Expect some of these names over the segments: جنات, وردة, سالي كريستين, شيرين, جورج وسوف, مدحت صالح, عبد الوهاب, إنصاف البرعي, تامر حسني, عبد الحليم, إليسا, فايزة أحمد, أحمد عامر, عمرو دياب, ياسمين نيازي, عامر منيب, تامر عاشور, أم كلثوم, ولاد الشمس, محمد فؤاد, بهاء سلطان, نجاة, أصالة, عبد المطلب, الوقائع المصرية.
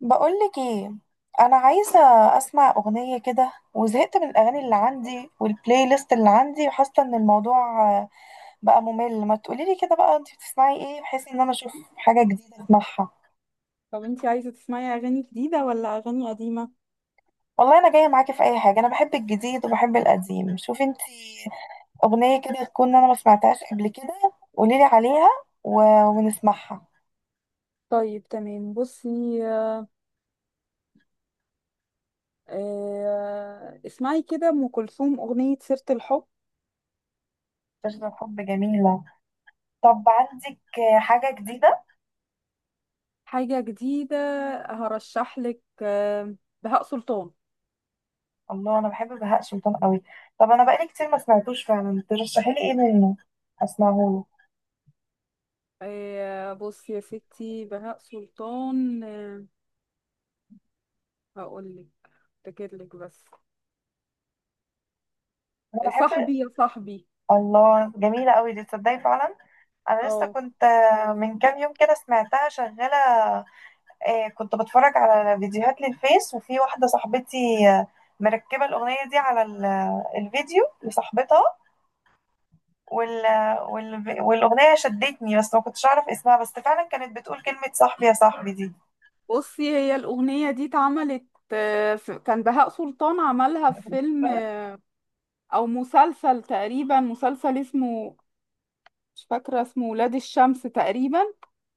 بقولك ايه، انا عايزه اسمع اغنيه كده وزهقت من الاغاني اللي عندي والبلاي ليست اللي عندي وحاسه ان الموضوع بقى ممل. ما تقوليلي كده بقى انت بتسمعي ايه بحيث ان انا اشوف حاجه جديده اسمعها. طب انتي عايزة تسمعي أغاني جديدة ولا أغاني قديمة؟ والله انا جايه معاكي في اي حاجه، انا بحب الجديد وبحب القديم. شوفي انت اغنيه كده تكون انا ما سمعتهاش قبل كده قوليلي عليها و... ونسمعها. طيب تمام، بصي. اسمعي كده أم كلثوم أغنية سيرة الحب. تشرب حب جميله. طب عندك حاجه جديده. حاجة جديدة هرشحلك، بهاء سلطان. الله انا بحب بهاء سلطان قوي. طب انا بقالي كتير ما سمعتوش، فعلا ترشحي لي ايه منه اسمعه له. بصي يا ستي، بهاء سلطان. هقولك، افتكرلك بس. انا بحب. صاحبي يا صاحبي. الله جميله قوي دي تصدقي فعلا. انا لسه اه، كنت من كام يوم كده سمعتها شغاله. كنت بتفرج على فيديوهات للفيس، وفي واحده صاحبتي مركبه الاغنيه دي الفيديو لصاحبتها وال... والاغنيه شدتني بس ما كنتش اعرف اسمها، بس فعلا كانت بتقول كلمه صاحبي يا صاحبي دي. بصي، هي الأغنية دي اتعملت، كان بهاء سلطان عملها في فيلم، او مسلسل، تقريبا مسلسل اسمه، مش فاكرة اسمه، ولاد الشمس تقريبا.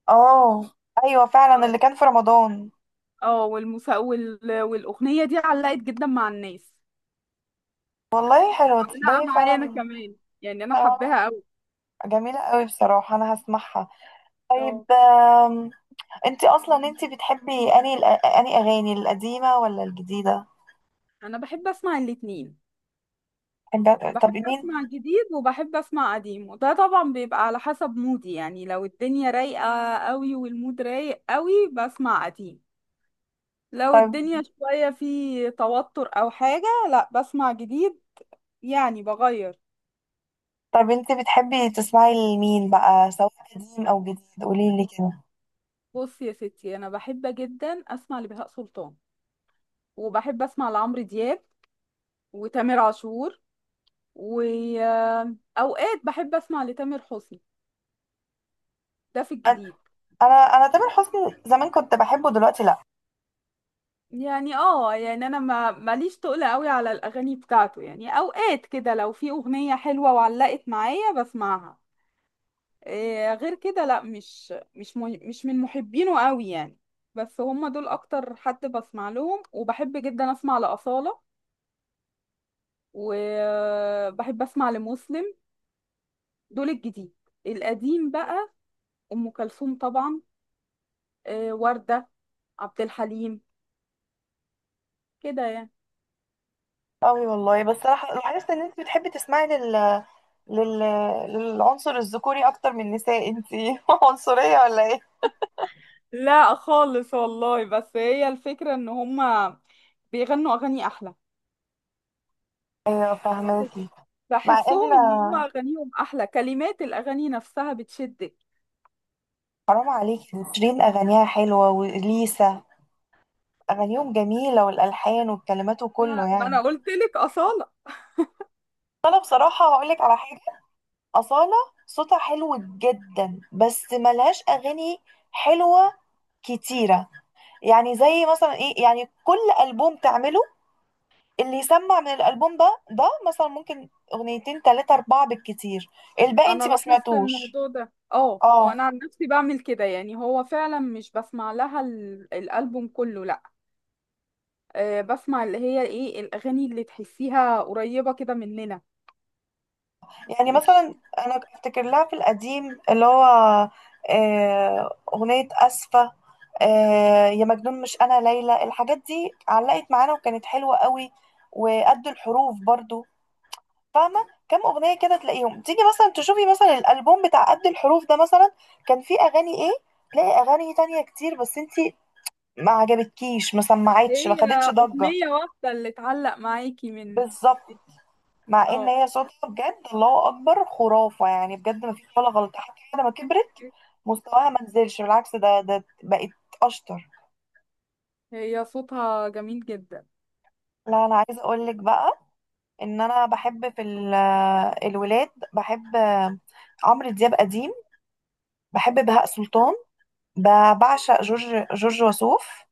اه، ايوه فعلا اه اللي كان في رمضان. اه، والأغنية دي علقت جدا مع الناس. والله حلوة علقة تصدقي معايا أنا فعلا. كمان، يعني أنا آه، حباها أوي. جميلة قوي، بصراحة أنا هسمعها. طيب اه. انتي أصلا، انتي بتحبي أني أغاني القديمة ولا الجديدة؟ أنا بحب أسمع الاتنين، طب بحب مين؟ أسمع جديد وبحب أسمع قديم، وده طبعا بيبقى على حسب مودي. يعني لو الدنيا رايقة أوي والمود رايق أوي بسمع قديم، لو طب الدنيا شوية في توتر أو حاجة لا بسمع جديد، يعني بغير. طب انتي بتحبي تسمعي لمين بقى، سواء قديم أو جديد قوليلي كده. بص يا ستي، أنا بحب جدا أسمع لبهاء سلطان، وبحب اسمع لعمرو دياب وتامر عاشور، واوقات بحب اسمع لتامر حسني، ده في أنا الجديد. أنا تامر حسني زمان كنت بحبه، دلوقتي لأ. يعني اه، يعني انا ما ماليش تقل قوي على الاغاني بتاعته، يعني اوقات كده لو في اغنية حلوة وعلقت معايا بسمعها. إيه غير كده، لا، مش من محبينه قوي يعني. بس هم دول اكتر حد بسمع لهم. وبحب جدا اسمع لأصالة، وبحب اسمع لمسلم، دول الجديد. القديم بقى، ام كلثوم طبعا، وردة، عبد الحليم، كده يعني. قوي والله. بس لاحظت إن انتي بتحبي تسمعي لل... للعنصر الذكوري أكتر من النساء. انتي عنصرية ولا ايه؟ لا خالص والله، بس هي الفكرة ان هما بيغنوا اغاني احلى، ايوه فاهماكي. مع ان بحسهم ان هما اغانيهم احلى، كلمات الاغاني نفسها بتشدك. حرام عليكي، شيرين اغانيها حلوه وليسا اغانيهم جميله، والالحان والكلمات وكله ما ما يعني. انا قلت لك اصالة. فانا بصراحه هقولك على حاجه: اصاله صوتها حلو جدا بس ملهاش اغاني حلوه كتيره. يعني زي مثلا ايه، يعني كل البوم تعمله اللي يسمع من الالبوم ده مثلا ممكن اغنيتين تلاتة اربعة بالكتير، الباقي انا انتي ما لاحظت سمعتوش. الموضوع ده، اه اه، اه، انا عن نفسي بعمل كده، يعني هو فعلا مش بسمع لها الالبوم كله، لا. أه، بسمع اللي هي ايه، الاغاني اللي تحسيها قريبة كده مننا. يعني مش مثلا انا افتكر لها في القديم اللي هو اغنيه اسفه، يا مجنون، مش انا ليلى، الحاجات دي علقت معانا وكانت حلوه قوي. وقد الحروف برضو فاهمه، كام اغنيه كده تلاقيهم. تيجي مثلا تشوفي مثلا الالبوم بتاع قد الحروف ده مثلا، كان فيه اغاني ايه؟ تلاقي اغاني تانية كتير بس انتي ما عجبتكيش ما سمعتش ما هي خدتش ضجه. أغنية واحدة اللي تعلق معاكي من. بالظبط. مع ان اه. هي صوتها بجد الله اكبر خرافه يعني، بجد ما فيش ولا غلطه، حتى بعد ما كبرت مستواها ما نزلش، بالعكس ده بقت اشطر. هي صوتها جميل جدا. لا انا عايزه اقول لك بقى ان انا بحب الولاد، بحب عمرو دياب قديم، بحب بهاء سلطان، بعشق جورج وسوف،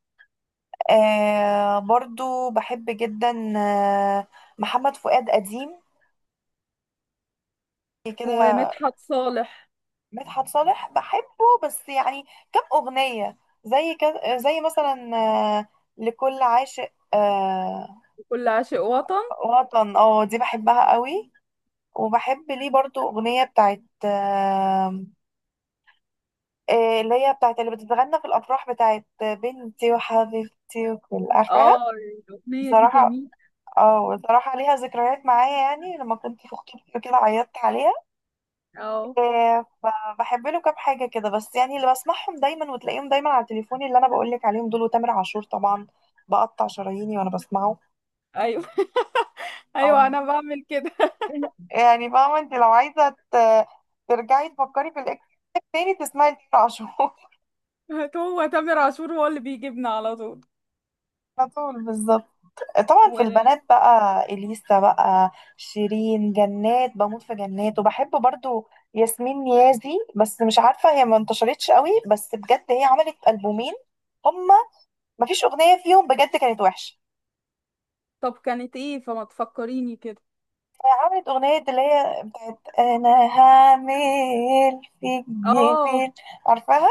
آه برضو بحب جدا محمد فؤاد قديم كده. ومدحت صالح. مدحت صالح بحبه بس يعني كم أغنية، زي كده زي مثلا آه، لكل عاشق كل عاشق وطن. وطن. اه دي بحبها قوي. وبحب ليه برضو أغنية بتاعت اللي هي بتاعت اللي بتتغنى في الأفراح، بتاعت بنتي وحبيبتي وكل عارفاها اه الأغنية دي بصراحة. جميلة. اه بصراحة ليها ذكريات معايا، يعني لما كنت في خطوبتي كده عيطت عليها. اه فبحب له كام حاجة كده بس، يعني اللي بسمعهم دايما وتلاقيهم دايما على تليفوني اللي أنا بقولك عليهم دول، وتامر عاشور طبعا بقطع شراييني وأنا بسمعه. ايوه. ايوه أو انا بعمل كده. يعني فاهمة أنت، لو عايزة ترجعي تفكري في الإكس تاني تسمعي تامر عاشور. هو تامر عاشور هو اللي بيجيبنا على طول. على طول بالظبط. طبعا و... في البنات بقى إليسا بقى، شيرين، جنات، بموت في جنات. وبحب برضو ياسمين نيازي بس مش عارفة هي ما انتشرتش قوي. بس بجد هي عملت ألبومين هم، مفيش أغنية فيهم بجد كانت وحشة. طب كانت ايه، فما تفكريني كده. فعملت أغنية اللي هي بتاعت أنا هعمل فيك اه جميل. عارفاها؟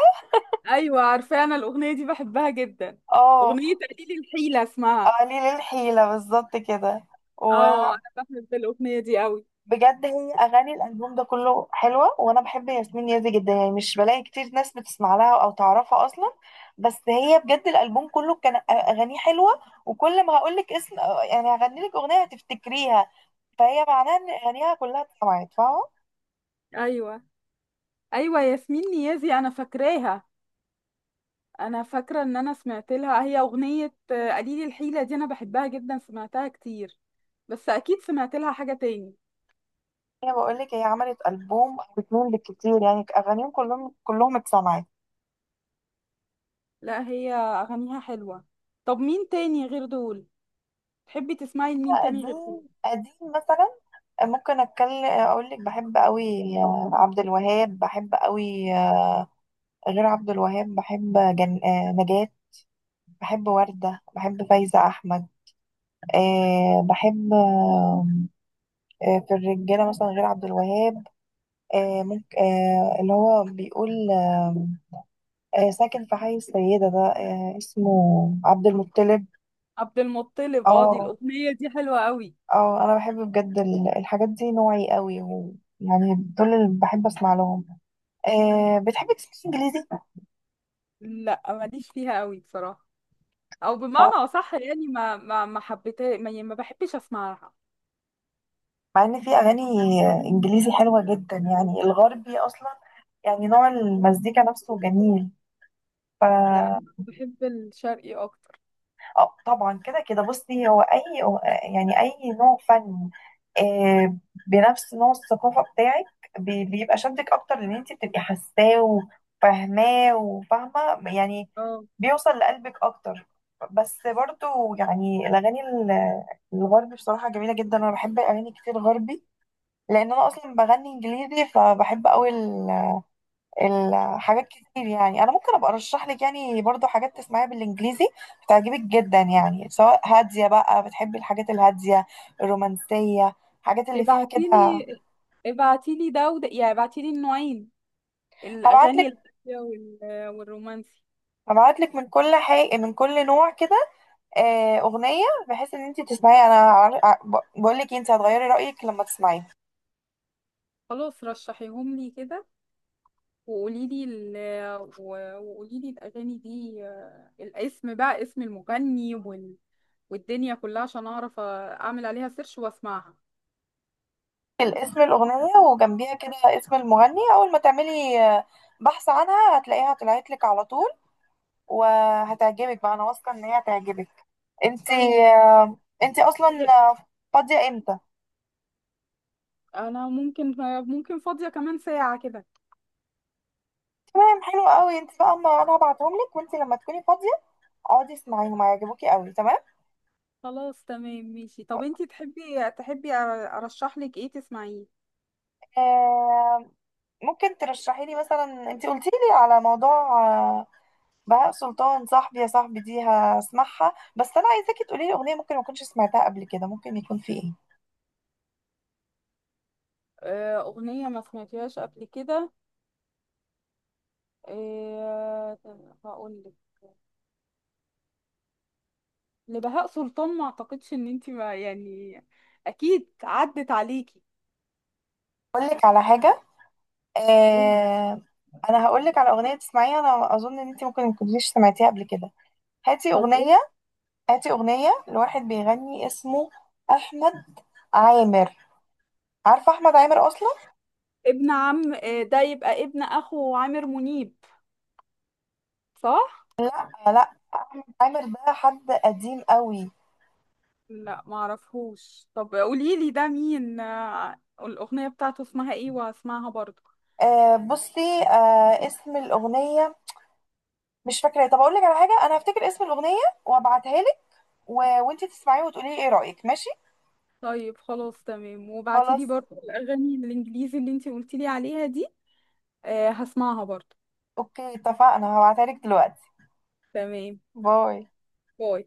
ايوه عارفه، انا الاغنيه دي بحبها جدا، اه، اغنيه قليل الحيله اسمها. قليل الحيلة بالظبط كده. اه وبجد انا بحب الاغنيه دي قوي. هي أغاني الألبوم ده كله حلوة، وأنا بحب ياسمين يازي جدا. يعني مش بلاقي كتير ناس بتسمع لها أو تعرفها أصلا. بس هي بجد الألبوم كله كان أغانيه حلوة، وكل ما هقولك اسم يعني هغنيلك أغنية هتفتكريها. فهي معناها إن أغانيها كلها اتسمعت، فاهمة؟ ايوه. ايوه ياسمين نيازي انا فاكراها. انا فاكره ان انا سمعت لها، هي اغنيه قليل الحيله دي انا بحبها جدا، سمعتها كتير، بس اكيد سمعت لها حاجه تاني. هي بقول لك، هي عملت ألبوم أو اتنين بالكتير يعني أغانيهم كلهم كلهم اتسمعت. لا هي اغانيها حلوه. طب مين تاني غير دول، تحبي تسمعي لمين تاني غير دول؟ قديم قديم مثلا ممكن أتكلم أقول لك، بحب قوي عبد الوهاب، بحب قوي غير عبد الوهاب، بحب جن... آه، نجاة، بحب وردة، بحب فايزة أحمد. بحب في الرجالة مثلا غير عبد الوهاب، أه ممكن، اللي هو بيقول ساكن في حي السيدة ده، اسمه عبد المطلب. عبد المطلب، اه دي اه الاغنيه دي حلوه قوي. اه انا بحب بجد الحاجات دي، نوعي قوي يعني دول اللي بحب اسمع لهم. بتحبي تسمعي انجليزي؟ لا ماليش فيها قوي بصراحه، او بمعنى اصح يعني ما ما ما حبيتها، ما, يعني ما بحبش اسمعها. مع ان في اغاني انجليزي حلوه جدا، يعني الغربي اصلا يعني نوع المزيكا نفسه جميل. لا أنا بحب الشرقي اكتر. اه طبعا، كده كده. بصي، هو اي، يعني اي نوع فن آه، بنفس نوع الثقافه بتاعك بيبقى شدك اكتر، لان انت بتبقي حاساه وفاهماه وفاهمه يعني، اه بيوصل لقلبك اكتر. بس برضو يعني الاغاني الغربي بصراحه جميله جدا. انا بحب اغاني كتير غربي، لان انا اصلا بغني انجليزي فبحب قوي الحاجات كتير. يعني انا ممكن ابقى ارشح لك يعني برضو حاجات تسمعيها بالانجليزي هتعجبك جدا، يعني سواء هاديه بقى بتحبي الحاجات الهاديه الرومانسيه، الحاجات اللي فيها كده. ابعتيلي، ابعتيلي ده وده، يعني ابعتيلي النوعين، هبعت الأغاني لك الهادية والرومانسي. هبعت لك من من كل نوع كده اغنيه، بحيث ان انت تسمعي. انا بقول لك انت هتغيري رايك لما تسمعيها. خلاص رشحيهم لي كده، وقوليلي ال... وقوليلي الأغاني دي، الاسم بقى، اسم المغني والدنيا كلها، عشان أعرف أعمل عليها سيرش وأسمعها. الاسم الاغنيه وجنبيها كده اسم المغني، اول ما تعملي بحث عنها هتلاقيها طلعت لك على طول وهتعجبك بقى. انا واثقه ان هي هتعجبك انت طيب. انت اصلا فاضيه امتى؟ أنا ممكن، ممكن فاضية كمان ساعة كده. تمام حلو قوي. انت بقى اما انا هبعتهم لك، وانت لما تكوني فاضيه اقعدي اسمعيهم هيعجبوكي قوي. تمام. خلاص تمام ماشي. طب انتي تحبي أرشح لك ايه تسمعيه؟ آه، ممكن ترشحي لي مثلا، انت قلتي لي على موضوع بهاء سلطان صاحبي يا صاحبي دي هسمعها. بس انا عايزاكي تقولي لي اغنيه ممكن ما اكونش سمعتها قبل كده، ممكن يكون في ايه؟ أغنية ما سمعتهاش قبل كده. إيه، هقول لك. لبهاء سلطان، ما اعتقدش ان انت ما يعني، اكيد عدت عليكي. اقول لك على حاجه. قول. آه، انا هقول لك على اغنيه تسمعيها انا اظن ان انت ممكن ما كنتيش سمعتيها قبل كده. هاتي طب قول. اغنيه، هاتي أغنية لواحد بيغني اسمه أحمد عامر. عارفة أحمد عامر أصلا؟ ابن عم إيه ده، يبقى ابن اخو عامر منيب، صح؟ آه لا، عامر ده حد قديم قوي. لا ما اعرفهوش، طب قولي لي ده مين، الاغنيه بتاعته اسمها ايه وهسمعها برضه. آه بصي، اسم الأغنية مش فاكرة. طب أقول لك على حاجة، أنا هفتكر اسم الأغنية وأبعتها لك و... وأنتي تسمعيه وتقولي لي إيه رأيك، ماشي؟ طيب خلاص تمام، وبعتي خلاص لي برضه الاغاني الانجليزي اللي انت قلتي لي عليها دي، هسمعها برضه. أوكي اتفقنا، هبعتها لك دلوقتي. تمام. باي. باي.